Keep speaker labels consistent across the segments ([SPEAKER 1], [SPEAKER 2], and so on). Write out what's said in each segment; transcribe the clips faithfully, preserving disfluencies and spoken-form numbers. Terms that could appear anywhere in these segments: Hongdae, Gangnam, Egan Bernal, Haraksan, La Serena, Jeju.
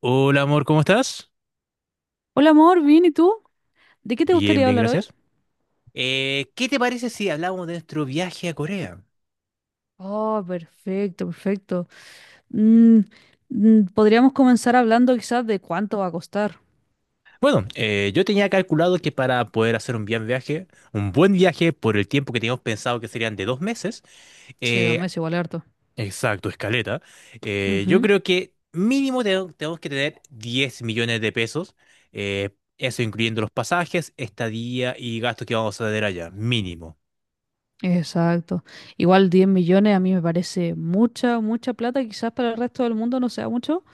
[SPEAKER 1] Hola amor, ¿cómo estás?
[SPEAKER 2] Hola amor, bien, ¿y tú? ¿De qué te
[SPEAKER 1] Bien,
[SPEAKER 2] gustaría
[SPEAKER 1] bien,
[SPEAKER 2] hablar hoy?
[SPEAKER 1] gracias. Eh, ¿qué te parece si hablamos de nuestro viaje a Corea?
[SPEAKER 2] Oh, perfecto, perfecto. Mm, mm, Podríamos comenzar hablando quizás de cuánto va a costar.
[SPEAKER 1] Bueno, eh, yo tenía calculado que para poder hacer un bien viaje, un buen viaje por el tiempo que teníamos pensado que serían de dos meses,
[SPEAKER 2] Sí, dos
[SPEAKER 1] eh,
[SPEAKER 2] meses igual es harto.
[SPEAKER 1] exacto, escaleta, eh, yo
[SPEAKER 2] Ujú.
[SPEAKER 1] creo que mínimo te- tenemos que tener diez millones de pesos, eh, eso incluyendo los pasajes, estadía y gastos que vamos a tener allá, mínimo.
[SPEAKER 2] Exacto. Igual diez millones a mí me parece mucha, mucha plata. Quizás para el resto del mundo no sea mucho,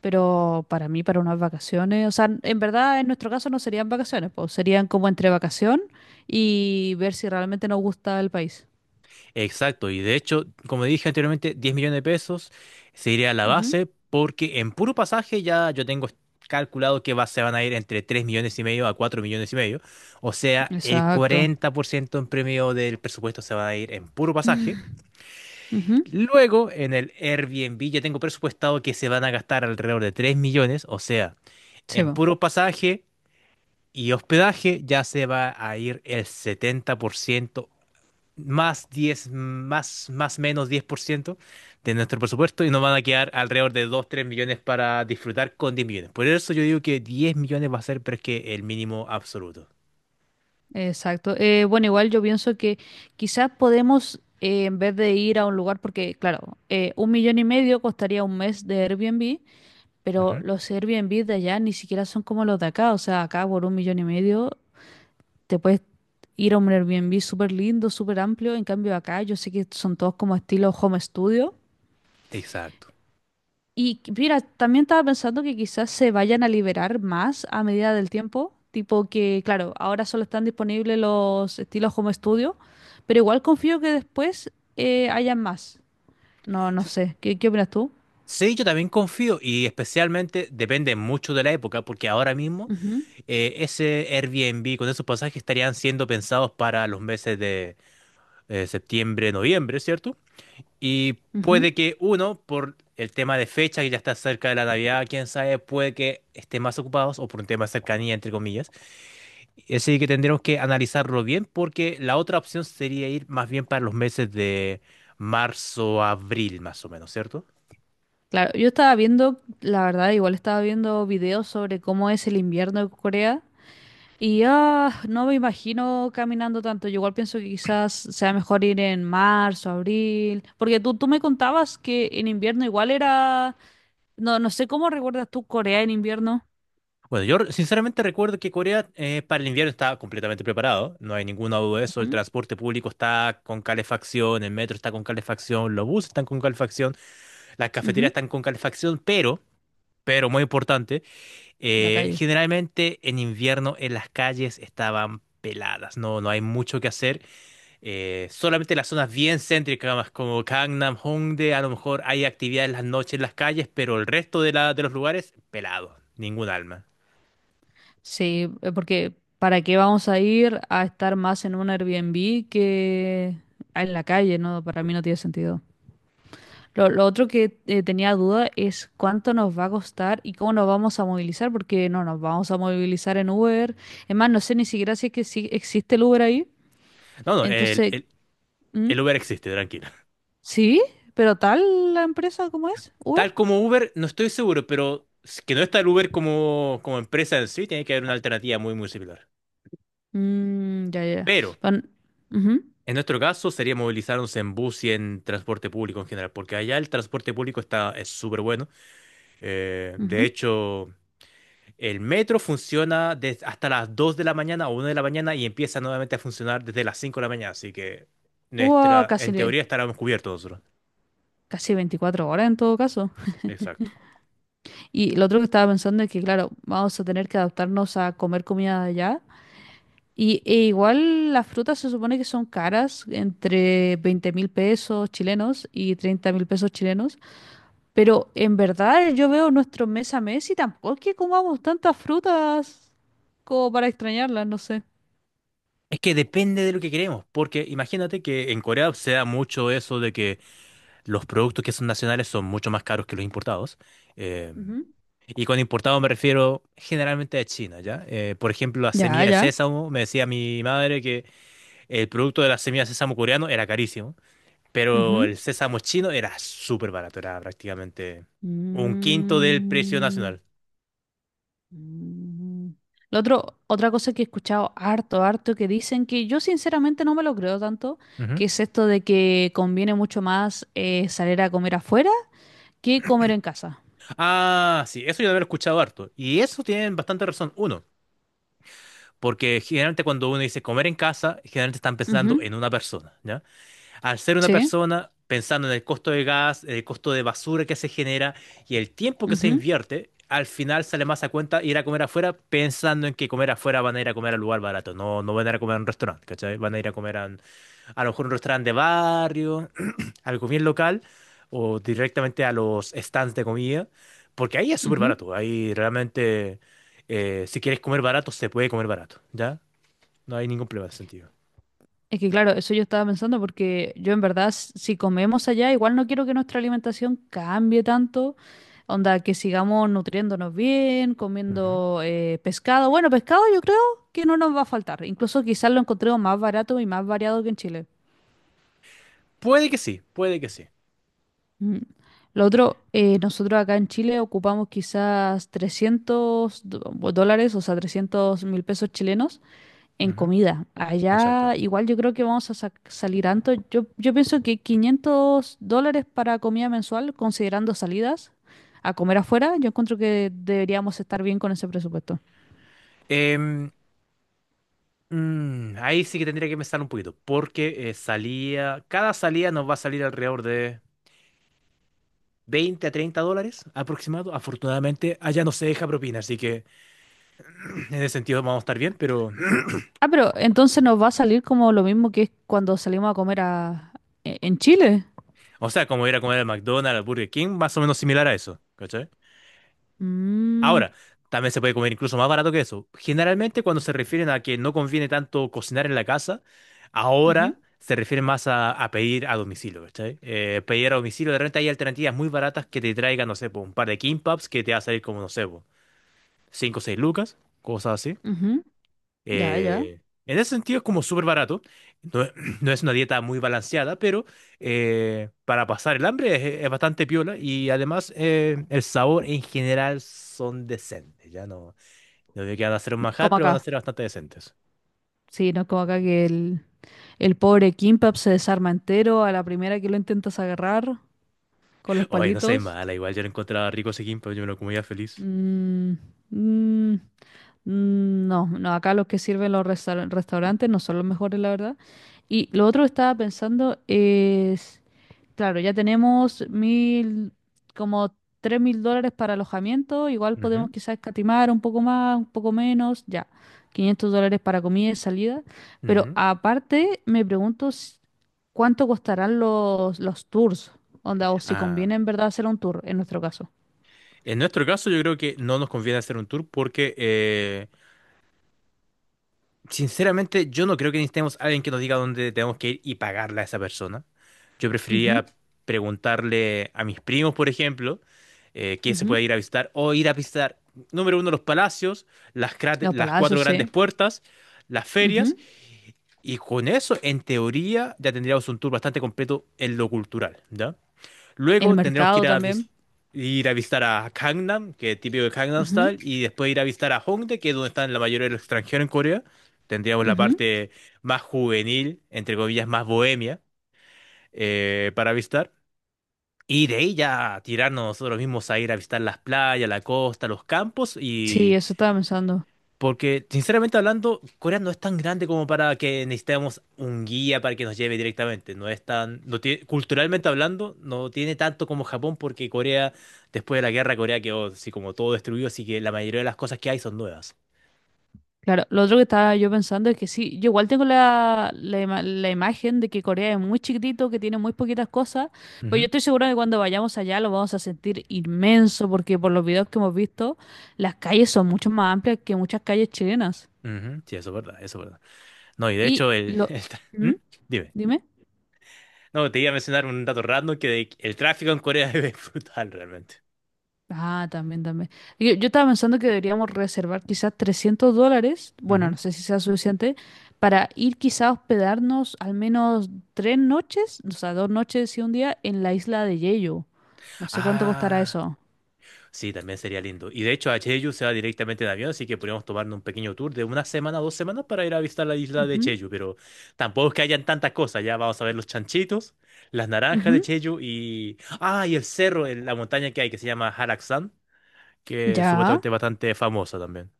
[SPEAKER 2] pero para mí, para unas vacaciones, o sea, en verdad en nuestro caso no serían vacaciones, pues serían como entre vacación y ver si realmente nos gusta el país.
[SPEAKER 1] Exacto, y de hecho, como dije anteriormente, diez millones de pesos sería la
[SPEAKER 2] Ujú.
[SPEAKER 1] base porque en puro pasaje ya yo tengo calculado que va, se van a ir entre tres millones y medio a cuatro millones y medio. O sea, el
[SPEAKER 2] Exacto.
[SPEAKER 1] cuarenta por ciento en premio del presupuesto se va a ir en puro pasaje.
[SPEAKER 2] Ujú.
[SPEAKER 1] Luego, en el Airbnb ya tengo presupuestado que se van a gastar alrededor de tres millones. O sea,
[SPEAKER 2] Sí,
[SPEAKER 1] en
[SPEAKER 2] po.
[SPEAKER 1] puro pasaje y hospedaje ya se va a ir el setenta por ciento más diez más, más menos diez por ciento de nuestro presupuesto y nos van a quedar alrededor de dos tres millones para disfrutar con diez millones. Por eso yo digo que diez millones va a ser, pero es que el mínimo absoluto.
[SPEAKER 2] Exacto. Eh, bueno, igual yo pienso que quizás podemos, eh, en vez de ir a un lugar, porque claro, eh, un millón y medio costaría un mes de Airbnb, pero
[SPEAKER 1] Ujú.
[SPEAKER 2] los Airbnb de allá ni siquiera son como los de acá. O sea, acá por un millón y medio te puedes ir a un Airbnb súper lindo, súper amplio. En cambio, acá yo sé que son todos como estilo home studio.
[SPEAKER 1] Exacto.
[SPEAKER 2] Y qu- mira, también estaba pensando que quizás se vayan a liberar más a medida del tiempo, tipo que, claro, ahora solo están disponibles los estilos Home Studio, pero igual confío que después eh, hayan más. No, no
[SPEAKER 1] S-
[SPEAKER 2] sé, ¿qué, qué opinas tú?
[SPEAKER 1] Sí, yo también confío y especialmente depende mucho de la época, porque ahora mismo eh, ese Airbnb con esos pasajes estarían siendo pensados para los meses de eh, septiembre, noviembre, ¿cierto? Y
[SPEAKER 2] Ujú, ujú.
[SPEAKER 1] puede que uno, por el tema de fecha, que ya está cerca de la Navidad, quién sabe, puede que estén más ocupados o por un tema de cercanía, entre comillas. Así que tendremos que analizarlo bien porque la otra opción sería ir más bien para los meses de marzo, abril, más o menos, ¿cierto?
[SPEAKER 2] Claro, yo estaba viendo, la verdad, igual estaba viendo videos sobre cómo es el invierno en Corea. Y ah, no me imagino caminando tanto. Yo igual pienso que quizás sea mejor ir en marzo, abril, porque tú, tú me contabas que en invierno igual era... No, no sé cómo recuerdas tú Corea en invierno.
[SPEAKER 1] Bueno, yo re- sinceramente recuerdo que Corea, eh, para el invierno está completamente preparado, no hay ninguna duda de eso, el
[SPEAKER 2] Ujú,
[SPEAKER 1] transporte público está con calefacción, el metro está con calefacción, los buses están con calefacción, las
[SPEAKER 2] ujú.
[SPEAKER 1] cafeterías están con calefacción, pero, pero muy importante,
[SPEAKER 2] La
[SPEAKER 1] Eh,
[SPEAKER 2] calle.
[SPEAKER 1] generalmente en invierno en las calles estaban peladas, no, no hay mucho que hacer. Eh, solamente las zonas bien céntricas, más como Gangnam, Hongdae, a lo mejor hay actividad en las noches en las calles, pero el resto de, la, de los lugares, pelado, ningún alma.
[SPEAKER 2] Sí, eh, porque ¿para qué vamos a ir a estar más en un Airbnb que en la calle? No, para mí no tiene sentido. Lo, lo otro que eh, tenía duda es cuánto nos va a costar y cómo nos vamos a movilizar, porque no nos vamos a movilizar en Uber. Es más, no sé ni siquiera si es que sí existe el Uber ahí.
[SPEAKER 1] No, no, el,
[SPEAKER 2] Entonces,
[SPEAKER 1] el,
[SPEAKER 2] ¿mm?
[SPEAKER 1] el Uber existe, tranquilo.
[SPEAKER 2] ¿Sí? ¿Pero tal la empresa como es?
[SPEAKER 1] Tal
[SPEAKER 2] ¿Uber?
[SPEAKER 1] como Uber, no estoy seguro, pero s- que no está el Uber como, como empresa en sí, tiene que haber una alternativa muy, muy similar.
[SPEAKER 2] Mm, ya, ya.
[SPEAKER 1] Pero
[SPEAKER 2] Pan- Ujú,
[SPEAKER 1] en nuestro caso sería movilizarnos en bus y en transporte público en general, porque allá el transporte público está, es súper bueno. Eh, de
[SPEAKER 2] ujú.
[SPEAKER 1] hecho, el metro funciona des- hasta las dos de la mañana o una de la mañana y empieza nuevamente a funcionar desde las cinco de la mañana, así que
[SPEAKER 2] Uah,
[SPEAKER 1] nuestra,
[SPEAKER 2] casi,
[SPEAKER 1] en
[SPEAKER 2] le-
[SPEAKER 1] teoría estaríamos cubiertos nosotros.
[SPEAKER 2] casi veinticuatro horas en todo caso.
[SPEAKER 1] Exacto.
[SPEAKER 2] Y lo otro que estaba pensando es que, claro, vamos a tener que adaptarnos a comer comida de allá. Y e igual las frutas se supone que son caras, entre veinte mil pesos chilenos y treinta mil pesos chilenos, pero en verdad yo veo nuestro mes a mes y tampoco es que comamos tantas frutas como para extrañarlas, no sé.
[SPEAKER 1] Es que depende de lo que queremos, porque imagínate que en Corea se da mucho eso de que los productos que son nacionales son mucho más caros que los importados. Eh,
[SPEAKER 2] Ujú.
[SPEAKER 1] Y con importado me refiero generalmente a China, ¿ya? Eh, por ejemplo, la
[SPEAKER 2] Ya,
[SPEAKER 1] semilla de
[SPEAKER 2] ya.
[SPEAKER 1] sésamo, me decía mi madre que el producto de las semillas de sésamo coreano era carísimo, pero el
[SPEAKER 2] Ujú.
[SPEAKER 1] sésamo chino era súper barato, era prácticamente un quinto del precio
[SPEAKER 2] Mm,
[SPEAKER 1] nacional.
[SPEAKER 2] mm. Lo otro, otra cosa que he escuchado harto, harto, que dicen que yo sinceramente no me lo creo tanto,
[SPEAKER 1] Ujú.
[SPEAKER 2] que es esto de que conviene mucho más eh, salir a comer afuera. ¿Qué comer en casa?
[SPEAKER 1] Ah, sí, eso yo lo he escuchado harto. Y eso tienen bastante razón. Uno, porque generalmente cuando uno dice comer en casa, generalmente están
[SPEAKER 2] Ujú.
[SPEAKER 1] pensando en una persona. Al ser una
[SPEAKER 2] Sí.
[SPEAKER 1] persona, pensando en el costo de gas, el costo de basura que se genera y el tiempo que se
[SPEAKER 2] Ujú,
[SPEAKER 1] invierte, al final sale más a cuenta ir a comer afuera pensando en que comer afuera van a ir a comer al lugar barato. No, no van a ir a comer a un restaurante, ¿cachai? Van a ir a comer a, un- a lo mejor un restaurante de barrio, algo bien local o directamente a los stands de comida, porque ahí es súper
[SPEAKER 2] ujú.
[SPEAKER 1] barato. Ahí realmente, eh, si quieres comer barato, se puede comer barato, ¿ya? No hay ningún problema en ese sentido.
[SPEAKER 2] Es que claro, eso yo estaba pensando porque yo en verdad, s- si comemos allá, igual no quiero que nuestra alimentación cambie tanto. Onda, que sigamos nutriéndonos bien,
[SPEAKER 1] Ujú.
[SPEAKER 2] comiendo eh, pescado. Bueno, pescado yo creo que no nos va a faltar. Incluso quizás lo encontremos más barato y más variado que en Chile.
[SPEAKER 1] Puede que sí, puede que sí.
[SPEAKER 2] Mm. Lo otro, eh, nosotros acá en Chile ocupamos quizás trescientos do- dólares, o sea, trescientos mil pesos chilenos en
[SPEAKER 1] Ujú.
[SPEAKER 2] comida.
[SPEAKER 1] Exacto.
[SPEAKER 2] Allá igual yo creo que vamos a sac- salir antes. Yo, yo pienso que quinientos dólares para comida mensual, considerando salidas a comer afuera, yo encuentro que deberíamos estar bien con ese presupuesto.
[SPEAKER 1] Em, mm, ahí sí que tendría que pensar un poquito, porque eh, salía, cada salida nos va a salir alrededor de veinte a treinta dólares aproximado. Afortunadamente, allá no se deja propina, así que en ese sentido vamos a estar bien, pero,
[SPEAKER 2] Ah, pero entonces nos va a salir como lo mismo que es cuando salimos a comer a, e- en Chile.
[SPEAKER 1] o sea, como ir a comer al McDonald's, al Burger King, más o menos similar a eso.
[SPEAKER 2] Mm.
[SPEAKER 1] Ahora, también se puede comer incluso más barato que eso. Generalmente cuando se refieren a que no conviene tanto cocinar en la casa,
[SPEAKER 2] Ujú,
[SPEAKER 1] ahora se refieren más a, a pedir a domicilio, ¿cachai? Eh, pedir a domicilio, de repente hay alternativas muy baratas que te traigan, no sé, po, un par de kimbaps que te va a salir como, no sé, cinco, o seis lucas, cosas así.
[SPEAKER 2] ujú. Ya, ya.
[SPEAKER 1] Eh, en ese sentido es como súper barato. No, es no es una dieta muy balanceada, pero eh, para pasar el hambre es, es bastante piola y además eh, el sabor en general son decentes, ya no. No digo que van a hacer un manjar,
[SPEAKER 2] Como
[SPEAKER 1] pero van a
[SPEAKER 2] acá.
[SPEAKER 1] ser bastante decentes.
[SPEAKER 2] Sí, no es como acá que el, el pobre Kimbap se desarma entero a la primera que lo intentas agarrar con los
[SPEAKER 1] Oye, no sé,
[SPEAKER 2] palitos.
[SPEAKER 1] mala. Igual yo lo encontraba rico ese gimpo, yo me lo comía feliz.
[SPEAKER 2] Mm, mm, mm, no, no, acá los que sirven los resta- restaurantes no son los mejores, la verdad. Y lo otro que estaba pensando es, claro, ya tenemos mil, como tres mil dólares para alojamiento, igual
[SPEAKER 1] Ujú,
[SPEAKER 2] podemos quizás escatimar un poco más, un poco menos, ya, quinientos dólares para comida y salida. Pero
[SPEAKER 1] ujú.
[SPEAKER 2] aparte, me pregunto s- cuánto costarán los, los tours, onda, o si
[SPEAKER 1] Ah,
[SPEAKER 2] conviene en verdad hacer un tour, en nuestro caso.
[SPEAKER 1] en nuestro caso, yo creo que no nos conviene hacer un tour porque, eh, sinceramente, yo no creo que necesitemos a alguien que nos diga dónde tenemos que ir y pagarle a esa persona. Yo
[SPEAKER 2] Ujú,
[SPEAKER 1] preferiría preguntarle a mis primos, por ejemplo, eh, qué se puede
[SPEAKER 2] ujú.
[SPEAKER 1] ir a visitar o ir a visitar, número uno, los palacios, las, crate-
[SPEAKER 2] Los
[SPEAKER 1] las cuatro
[SPEAKER 2] palacios,
[SPEAKER 1] grandes
[SPEAKER 2] sí.
[SPEAKER 1] puertas, las ferias.
[SPEAKER 2] Ujú.
[SPEAKER 1] Y con eso, en teoría, ya tendríamos un tour bastante completo en lo cultural, ¿ya?
[SPEAKER 2] El
[SPEAKER 1] Luego tendríamos que
[SPEAKER 2] mercado
[SPEAKER 1] ir a,
[SPEAKER 2] también.
[SPEAKER 1] vis- ir a visitar a Gangnam, que es típico de Gangnam
[SPEAKER 2] Ujú,
[SPEAKER 1] Style, y después ir a visitar a Hongdae, que es donde están la mayoría de los extranjeros en Corea. Tendríamos la
[SPEAKER 2] ujú.
[SPEAKER 1] parte más juvenil, entre comillas, más bohemia, eh, para visitar. Y de ahí ya tirarnos nosotros mismos a ir a visitar las playas, la costa, los campos,
[SPEAKER 2] Sí,
[SPEAKER 1] y
[SPEAKER 2] eso estaba pensando.
[SPEAKER 1] porque, sinceramente hablando, Corea no es tan grande como para que necesitemos un guía para que nos lleve directamente. No es tan, no tiene- culturalmente hablando, no tiene tanto como Japón, porque Corea, después de la guerra, Corea quedó así como todo destruido, así que la mayoría de las cosas que hay son nuevas.
[SPEAKER 2] Claro, lo otro que estaba yo pensando es que sí, yo igual tengo la, la, ima- la imagen de que Corea es muy chiquitito, que tiene muy poquitas cosas, pero yo
[SPEAKER 1] Ujú,
[SPEAKER 2] estoy segura de que cuando vayamos allá lo vamos a sentir inmenso, porque por los videos que hemos visto, las calles son mucho más amplias que muchas calles chilenas.
[SPEAKER 1] ujú. Sí, eso es verdad, eso es verdad. No, y de
[SPEAKER 2] Y
[SPEAKER 1] hecho, el,
[SPEAKER 2] lo...
[SPEAKER 1] el tra- ¿Mm?
[SPEAKER 2] ¿Mm?
[SPEAKER 1] Dime.
[SPEAKER 2] Dime.
[SPEAKER 1] No, te iba a mencionar un dato random que de- el tráfico en Corea es brutal realmente.
[SPEAKER 2] Ah, también, también. Yo, yo estaba pensando que deberíamos reservar quizás trescientos dólares, bueno,
[SPEAKER 1] Ujú.
[SPEAKER 2] no sé si sea suficiente, para ir quizás a hospedarnos al menos tres noches, o sea, dos noches y un día en la isla de Jeju. No sé cuánto costará
[SPEAKER 1] Ah.
[SPEAKER 2] eso.
[SPEAKER 1] Sí, también sería lindo. Y de hecho, a Jeju se va directamente en avión, así que podríamos tomarnos un pequeño tour de una semana, dos semanas para ir a visitar la isla de
[SPEAKER 2] Ujú,
[SPEAKER 1] Jeju, pero tampoco es que hayan tantas cosas. Ya vamos a ver los chanchitos, las naranjas de
[SPEAKER 2] ujú.
[SPEAKER 1] Jeju y... ah, y el cerro, el- la montaña que hay que se llama Haraksan, que es
[SPEAKER 2] Ya.
[SPEAKER 1] supuestamente bastante famosa también.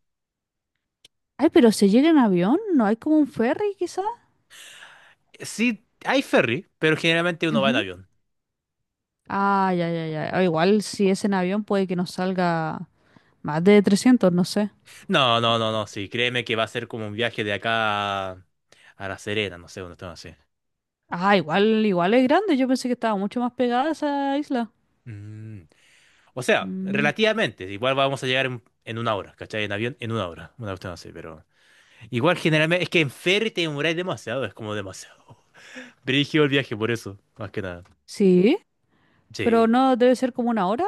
[SPEAKER 2] Ay, pero se llega en avión, ¿no hay como un ferry quizá.
[SPEAKER 1] Sí, hay ferry, pero generalmente uno va en
[SPEAKER 2] Ujú.
[SPEAKER 1] avión.
[SPEAKER 2] Ah, ya, ya, ya. Ah, igual si es en avión puede que nos salga más de trescientos, no sé.
[SPEAKER 1] No, no, no, no, sí, créeme que va a ser como un viaje de acá a, a La Serena, no sé, una tema así.
[SPEAKER 2] Ah, igual, igual es grande, yo pensé que estaba mucho más pegada esa isla.
[SPEAKER 1] Mm. O sea,
[SPEAKER 2] Mm,
[SPEAKER 1] relativamente. Igual vamos a llegar en, en una hora, ¿cachai? En avión, en una hora. Una cuestión así, pero. Igual generalmente. Es que en ferry te demoráis demasiado, es como demasiado. Brígido el viaje, por eso, más que nada.
[SPEAKER 2] sí, pero
[SPEAKER 1] Sí.
[SPEAKER 2] no debe ser como una hora,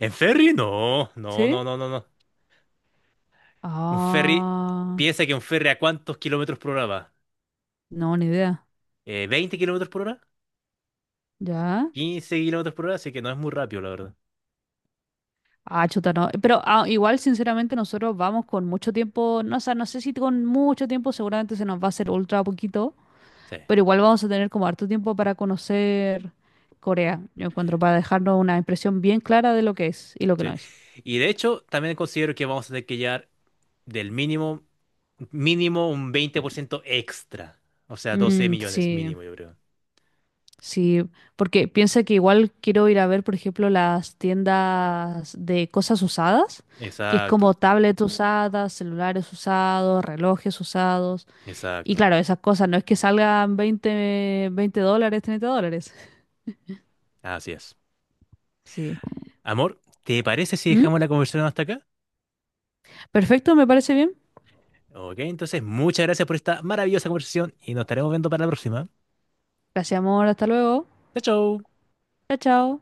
[SPEAKER 1] ¿En ferry? No, no,
[SPEAKER 2] ¿sí?
[SPEAKER 1] no, no, no, no. Un ferry.
[SPEAKER 2] Ah,
[SPEAKER 1] Piensa que un ferry a cuántos kilómetros por hora va.
[SPEAKER 2] no, ni idea.
[SPEAKER 1] Eh, ¿veinte kilómetros por hora?
[SPEAKER 2] Ya.
[SPEAKER 1] ¿Quince kilómetros por hora? Así que no es muy rápido, la verdad.
[SPEAKER 2] Ah, chuta, no. Pero ah, igual, sinceramente, nosotros vamos con mucho tiempo, no, o sea, no sé si con mucho tiempo, seguramente se nos va a hacer ultra poquito,
[SPEAKER 1] Sí,
[SPEAKER 2] pero igual vamos a tener como harto tiempo para conocer Corea, yo encuentro, para dejarnos una impresión bien clara de lo que es y lo que no
[SPEAKER 1] sí.
[SPEAKER 2] es.
[SPEAKER 1] Y de hecho, también considero que vamos a tener que llegar del mínimo mínimo un veinte por ciento extra. O sea, doce
[SPEAKER 2] Mm.
[SPEAKER 1] millones
[SPEAKER 2] Sí,
[SPEAKER 1] mínimo, yo creo.
[SPEAKER 2] sí, porque piensa que igual quiero ir a ver, por ejemplo, las tiendas de cosas usadas, que es
[SPEAKER 1] Exacto,
[SPEAKER 2] como tablets usadas, celulares usados, relojes usados. Y
[SPEAKER 1] exacto.
[SPEAKER 2] claro, esas cosas no es que salgan veinte, veinte dólares, treinta dólares.
[SPEAKER 1] Así es.
[SPEAKER 2] Sí.
[SPEAKER 1] Amor, ¿te parece si
[SPEAKER 2] ¿Mm?
[SPEAKER 1] dejamos la conversación hasta acá?
[SPEAKER 2] Perfecto, me parece bien.
[SPEAKER 1] Ok, entonces muchas gracias por esta maravillosa conversación y nos estaremos viendo para la próxima.
[SPEAKER 2] Gracias, amor. Hasta luego.
[SPEAKER 1] Chao, chao.
[SPEAKER 2] Chao, chao.